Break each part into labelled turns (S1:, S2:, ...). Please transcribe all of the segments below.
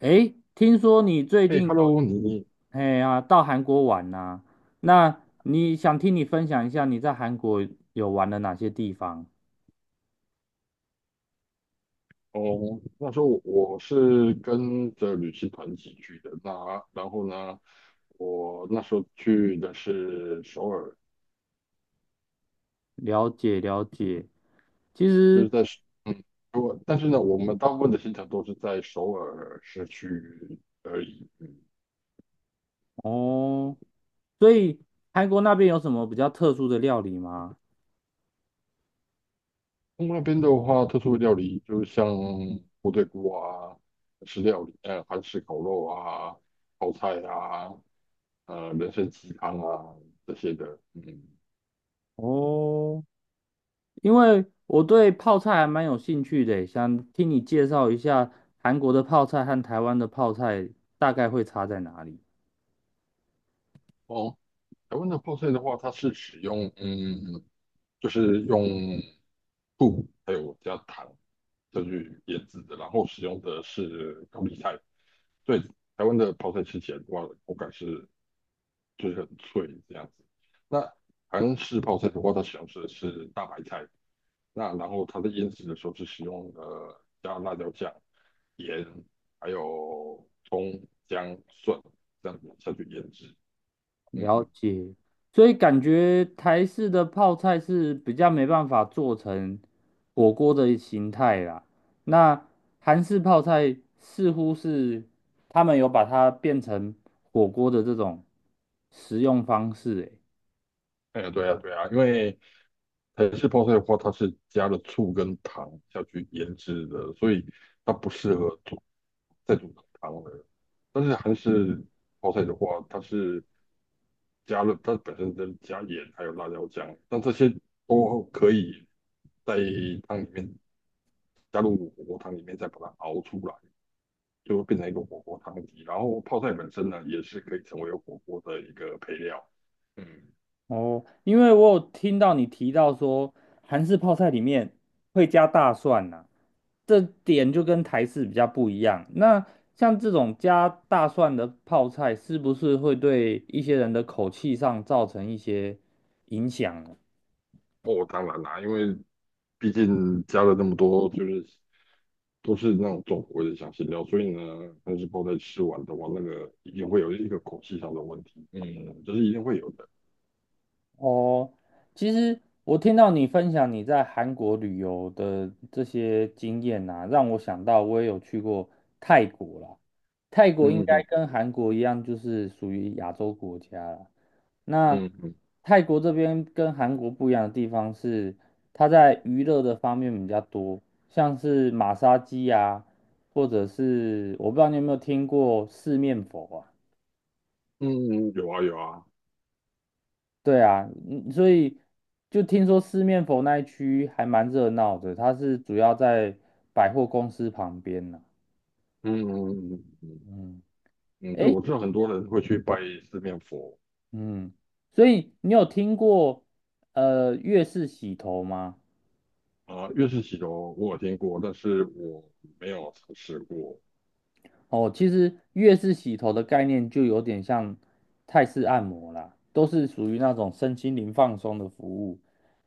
S1: 诶，听说你最
S2: 哎
S1: 近有
S2: ，Hello，你
S1: 哎呀到韩国玩呐、那你想听你分享一下你在韩国有玩了哪些地方？
S2: 哦，那时候我是跟着旅行团一起去的。那然后呢，我那时候去的是首尔，
S1: 了解了解。其
S2: 就是
S1: 实
S2: 在嗯，我但是呢，我们大部分的行程都是在首尔市区而已。嗯，
S1: 哦，所以韩国那边有什么比较特殊的料理吗？
S2: 那边的话，特殊的料理就是像部队锅啊，吃料理，韩式烤肉啊，泡菜啊，人参鸡汤啊这些的。嗯，
S1: 哦，因为我对泡菜还蛮有兴趣的，想听你介绍一下韩国的泡菜和台湾的泡菜大概会差在哪里。
S2: 哦。台湾的泡菜的话，它是使用就是用布还有加糖再去腌制的，然后使用的是高丽菜，所以台湾的泡菜吃起来的话，口感是就是很脆这样子。那韩式泡菜的话，它使用的是大白菜，那然后它在腌制的时候是使用加辣椒酱、盐还有葱、姜、蒜这样子下去腌制。
S1: 了
S2: 嗯，
S1: 解，所以感觉台式的泡菜是比较没办法做成火锅的形态啦。那韩式泡菜似乎是他们有把它变成火锅的这种食用方式欸，
S2: 哎呀，对呀，对呀，因为台式泡菜的话，它是加了醋跟糖下去腌制的，所以它不适合煮再煮汤了。但是韩式泡菜的话，它是加了它本身的加盐还有辣椒酱，但这些都可以在汤里面加入火锅汤里面再把它熬出来，就会变成一个火锅汤底。然后泡菜本身呢，也是可以成为火锅的一个配料。嗯。
S1: 哦，因为我有听到你提到说韩式泡菜里面会加大蒜呐、这点就跟台式比较不一样。那像这种加大蒜的泡菜，是不是会对一些人的口气上造成一些影响呢？
S2: 哦，当然啦，因为毕竟加了那么多，就是都是那种重口味的香辛料，所以呢，但是泡在吃完的话，那个一定会有一个口气上的问题，嗯，这是一定会有的，
S1: 哦，其实我听到你分享你在韩国旅游的这些经验呐、让我想到我也有去过泰国啦。泰国应
S2: 嗯
S1: 该
S2: 嗯
S1: 跟韩国一样，就是属于亚洲国家啦。那
S2: 嗯嗯
S1: 泰国这边跟韩国不一样的地方是，它在娱乐的方面比较多，像是马杀鸡啊，或者是我不知道你有没有听过四面佛啊？
S2: 嗯，有啊有啊，
S1: 对啊，嗯，所以就听说四面佛那一区还蛮热闹的，它是主要在百货公司旁边呢、
S2: 嗯嗯嗯嗯
S1: 嗯，
S2: 嗯，对，
S1: 诶，
S2: 我知道很多人会去拜四面佛
S1: 嗯，所以你有听过粤式洗头吗？
S2: 啊，月式洗头我有听过，但是我没有尝试过，
S1: 哦，其实越是洗头的概念就有点像泰式按摩啦，都是属于那种身心灵放松的服务。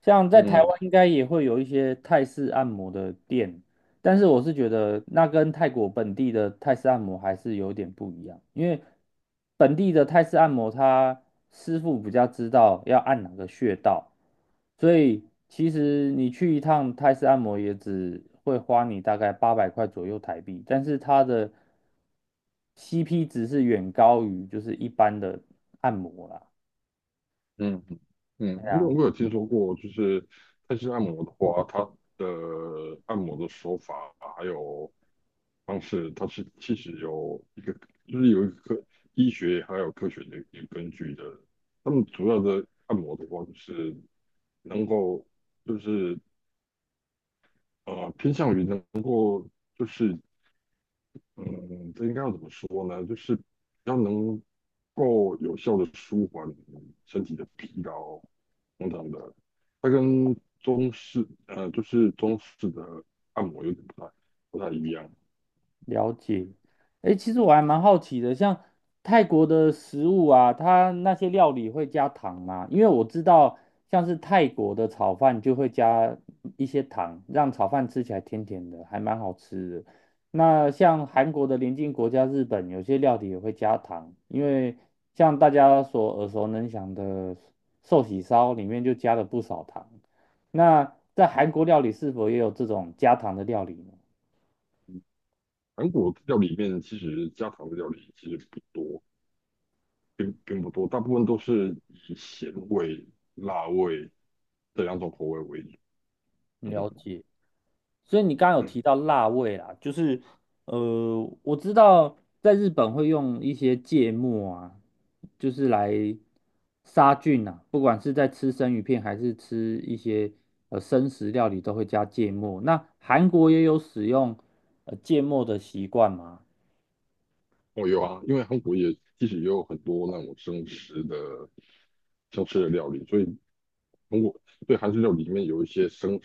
S1: 像在台湾
S2: 嗯
S1: 应该也会有一些泰式按摩的店，但是我是觉得那跟泰国本地的泰式按摩还是有点不一样，因为本地的泰式按摩，他师傅比较知道要按哪个穴道，所以其实你去一趟泰式按摩也只会花你大概八百块左右台币，但是它的 CP 值是远高于就是一般的按摩啦。
S2: 嗯嗯，因为我有听说过，就是泰式按摩的话，它的按摩的手法还有方式，它是其实有一个，就是有一个科医学还有科学的一个根据的。他们主要的按摩的话，就是能够就是偏向于能嗯，这应该要怎么说呢？就是要能够有效的舒缓身体的疲劳等等的。它跟中式就是中式的按摩有点不太一样。
S1: 了解，哎，其实我还蛮好奇的，像泰国的食物啊，它那些料理会加糖吗？因为我知道，像是泰国的炒饭就会加一些糖，让炒饭吃起来甜甜的，还蛮好吃的。那像韩国的邻近国家日本，有些料理也会加糖，因为像大家所耳熟能详的寿喜烧里面就加了不少糖。那在韩国料理是否也有这种加糖的料理呢？
S2: 韩国料理里面其实家常的料理其实不多，并不多，大部分都是以咸味、辣味这两种口味为主。嗯，
S1: 了解。所以你刚刚有提到辣味啦，就是我知道在日本会用一些芥末啊，就是来杀菌啊，不管是在吃生鱼片还是吃一些生食料理，都会加芥末。那韩国也有使用芥末的习惯吗？
S2: 我有啊，因为韩国也其实也有很多那种生食的生吃的料理，所以。通过对韩式料理里面有一些生，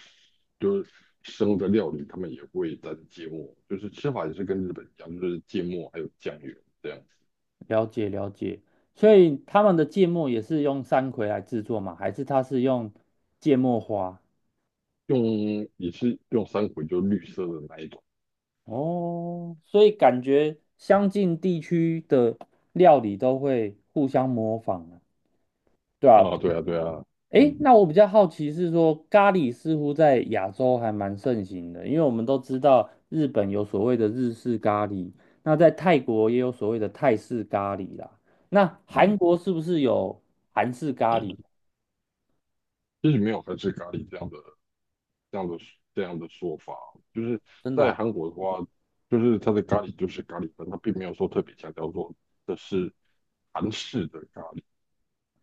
S2: 就是生的料理，他们也会沾芥末，就是吃法也是跟日本一样，就是芥末还有酱油这样子，
S1: 了解了解，所以他们的芥末也是用山葵来制作吗？还是它是用芥末花？
S2: 用也是用三葵，就绿色的那一种
S1: 哦，所以感觉相近地区的料理都会互相模仿啊，对吧？
S2: 啊，对啊对啊，
S1: 诶，
S2: 嗯
S1: 那我比较好奇是说，咖喱似乎在亚洲还蛮盛行的，因为我们都知道日本有所谓的日式咖喱，那在泰国也有所谓的泰式咖喱啦。那韩
S2: 嗯，
S1: 国是不是有韩式咖喱？
S2: 其实没有韩式咖喱这样的这样的说法，就是
S1: 真的
S2: 在
S1: 啊，
S2: 韩国的话，就是它的咖喱就是咖喱粉，它并没有说特别强调说这是韩式的咖喱。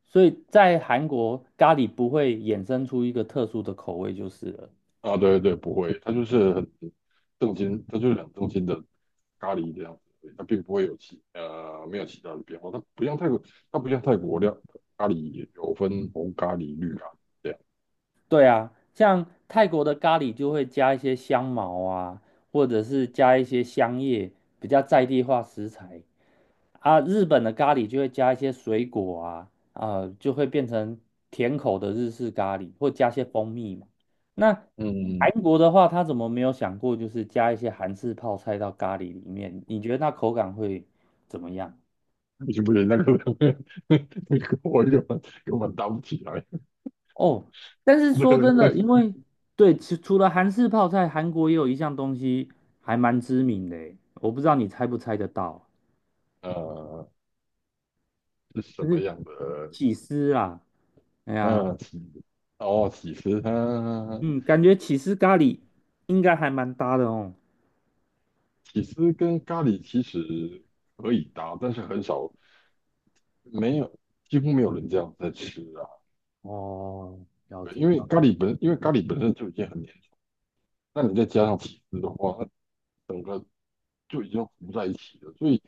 S1: 所以在韩国咖喱不会衍生出一个特殊的口味就是了。
S2: 啊，对对，不会，它就是很正经，它就是很正经的咖喱这样子而已，它并不会有其没有其他的变化，它不像泰国，它不像泰国料咖喱有分红咖喱、绿咖喱这样，
S1: 对啊，像泰国的咖喱就会加一些香茅啊，或者是加一些香叶，比较在地化食材啊。日本的咖喱就会加一些水果啊，啊、就会变成甜口的日式咖喱，或加些蜂蜜嘛。那
S2: 嗯，
S1: 韩国的话，他怎么没有想过就是加一些韩式泡菜到咖喱里面？你觉得那口感会怎么样？
S2: 不行不行，那个 那个我根本搭不起来，
S1: 哦，但是
S2: 对
S1: 说
S2: 对
S1: 真的，
S2: 对，
S1: 因为对，除了韩式泡菜，韩国也有一项东西还蛮知名的诶我不知道你猜不猜得到，
S2: 呃，是什
S1: 就
S2: 么
S1: 是
S2: 样的？
S1: 起司啦。哎呀，
S2: 呃，起哦，起司它
S1: 嗯，感觉起司咖喱应该还蛮搭的哦。
S2: 起司跟咖喱其实可以搭，但是很少。没有，几乎没有人这样在吃啊。
S1: 哦，了
S2: 对
S1: 解。
S2: 因为咖喱本，因为咖喱本身就已经很粘，那你再加上起司的话，它整个就已经糊在一起了，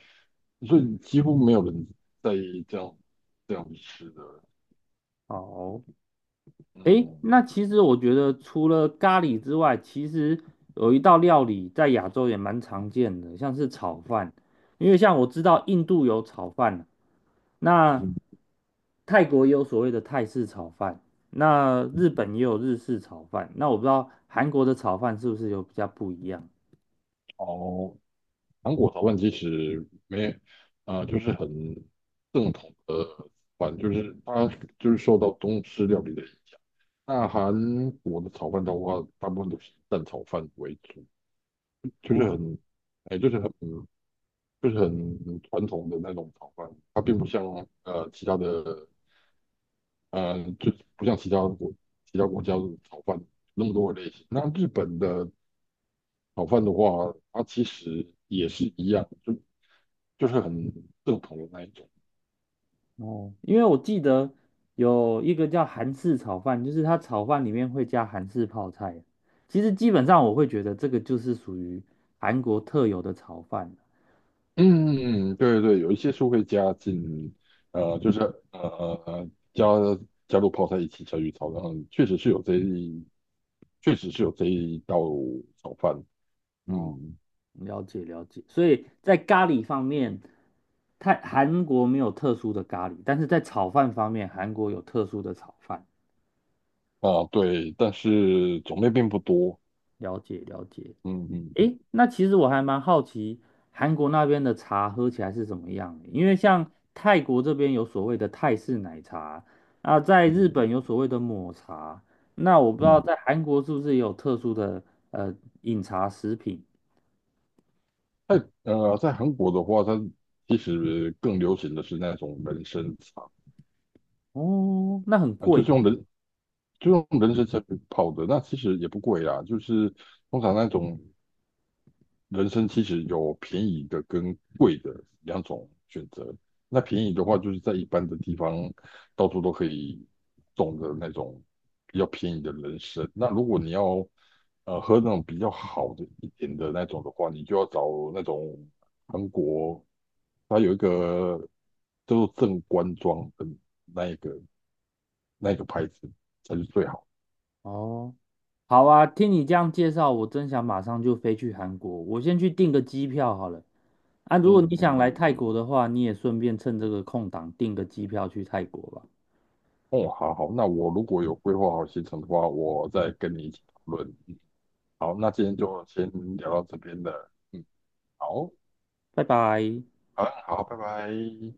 S2: 所以几乎没有人在意这样吃的。
S1: 好，诶，
S2: 嗯
S1: 那其实我觉得除了咖喱之外，其实有一道料理在亚洲也蛮常见的，像是炒饭。因为像我知道印度有炒饭啊，那
S2: 嗯，
S1: 泰国也有所谓的泰式炒饭，那日本也有日式炒饭。那我不知道韩国的炒饭是不是有比较不一样？
S2: 哦，韩国炒饭其实没啊、就是很正统的饭，就是它就是受到中式料理的影响。那韩国的炒饭的话，大部分都是以蛋炒饭为主。就是
S1: 哦？
S2: 很，哎，就是很，就是很传统的那种炒饭，它并不像其他的，就不像其他国家的炒饭那么多的类型。那日本的炒饭的话，它其实也是一样，就是很正统的那一种。
S1: 哦，因为我记得有一个叫韩式炒饭，就是它炒饭里面会加韩式泡菜。其实基本上我会觉得这个就是属于韩国特有的炒饭。
S2: 嗯，对对，有一些是会加进，就是呃呃加加入泡菜一起下去炒，然后确实是有这一道炒饭。
S1: 哦，
S2: 嗯，
S1: 了解了解。所以在咖喱方面，泰韩国没有特殊的咖喱，但是在炒饭方面，韩国有特殊的炒饭。
S2: 啊，对，但是种类并不多。
S1: 了解了解。
S2: 嗯嗯
S1: 诶，那其实我还蛮好奇，韩国那边的茶喝起来是怎么样的？因为像泰国这边有所谓的泰式奶茶，啊，在
S2: 嗯
S1: 日本有所谓的抹茶，那我不知道
S2: 嗯，
S1: 在韩国是不是也有特殊的呃饮茶食品？
S2: 在在韩国的话，它其实更流行的是那种人参茶，
S1: 哦，那很
S2: 嗯，就
S1: 贵
S2: 是用人就用人参茶去泡的，那其实也不贵啦，就是通常那种人参其实有便宜的跟贵的两种选择。那便宜的话，就是在一般的地方到处都可以种的那种比较便宜的人参。那如果你要喝那种比较好的一点的那种的话，你就要找那种韩国，它有一个叫做正官庄的那一个那一个牌子才是最好。
S1: 哦。好啊，听你这样介绍，我真想马上就飞去韩国。我先去订个机票好了。啊，如果
S2: 嗯
S1: 你想来
S2: 嗯，
S1: 泰国的话，你也顺便趁这个空档订个机票去泰国吧。
S2: 哦，好好，那我如果有规划好行程的话，我再跟你一起讨论。好，那今天就先聊到这边了。嗯，好，
S1: 拜拜。
S2: 好，好，拜拜。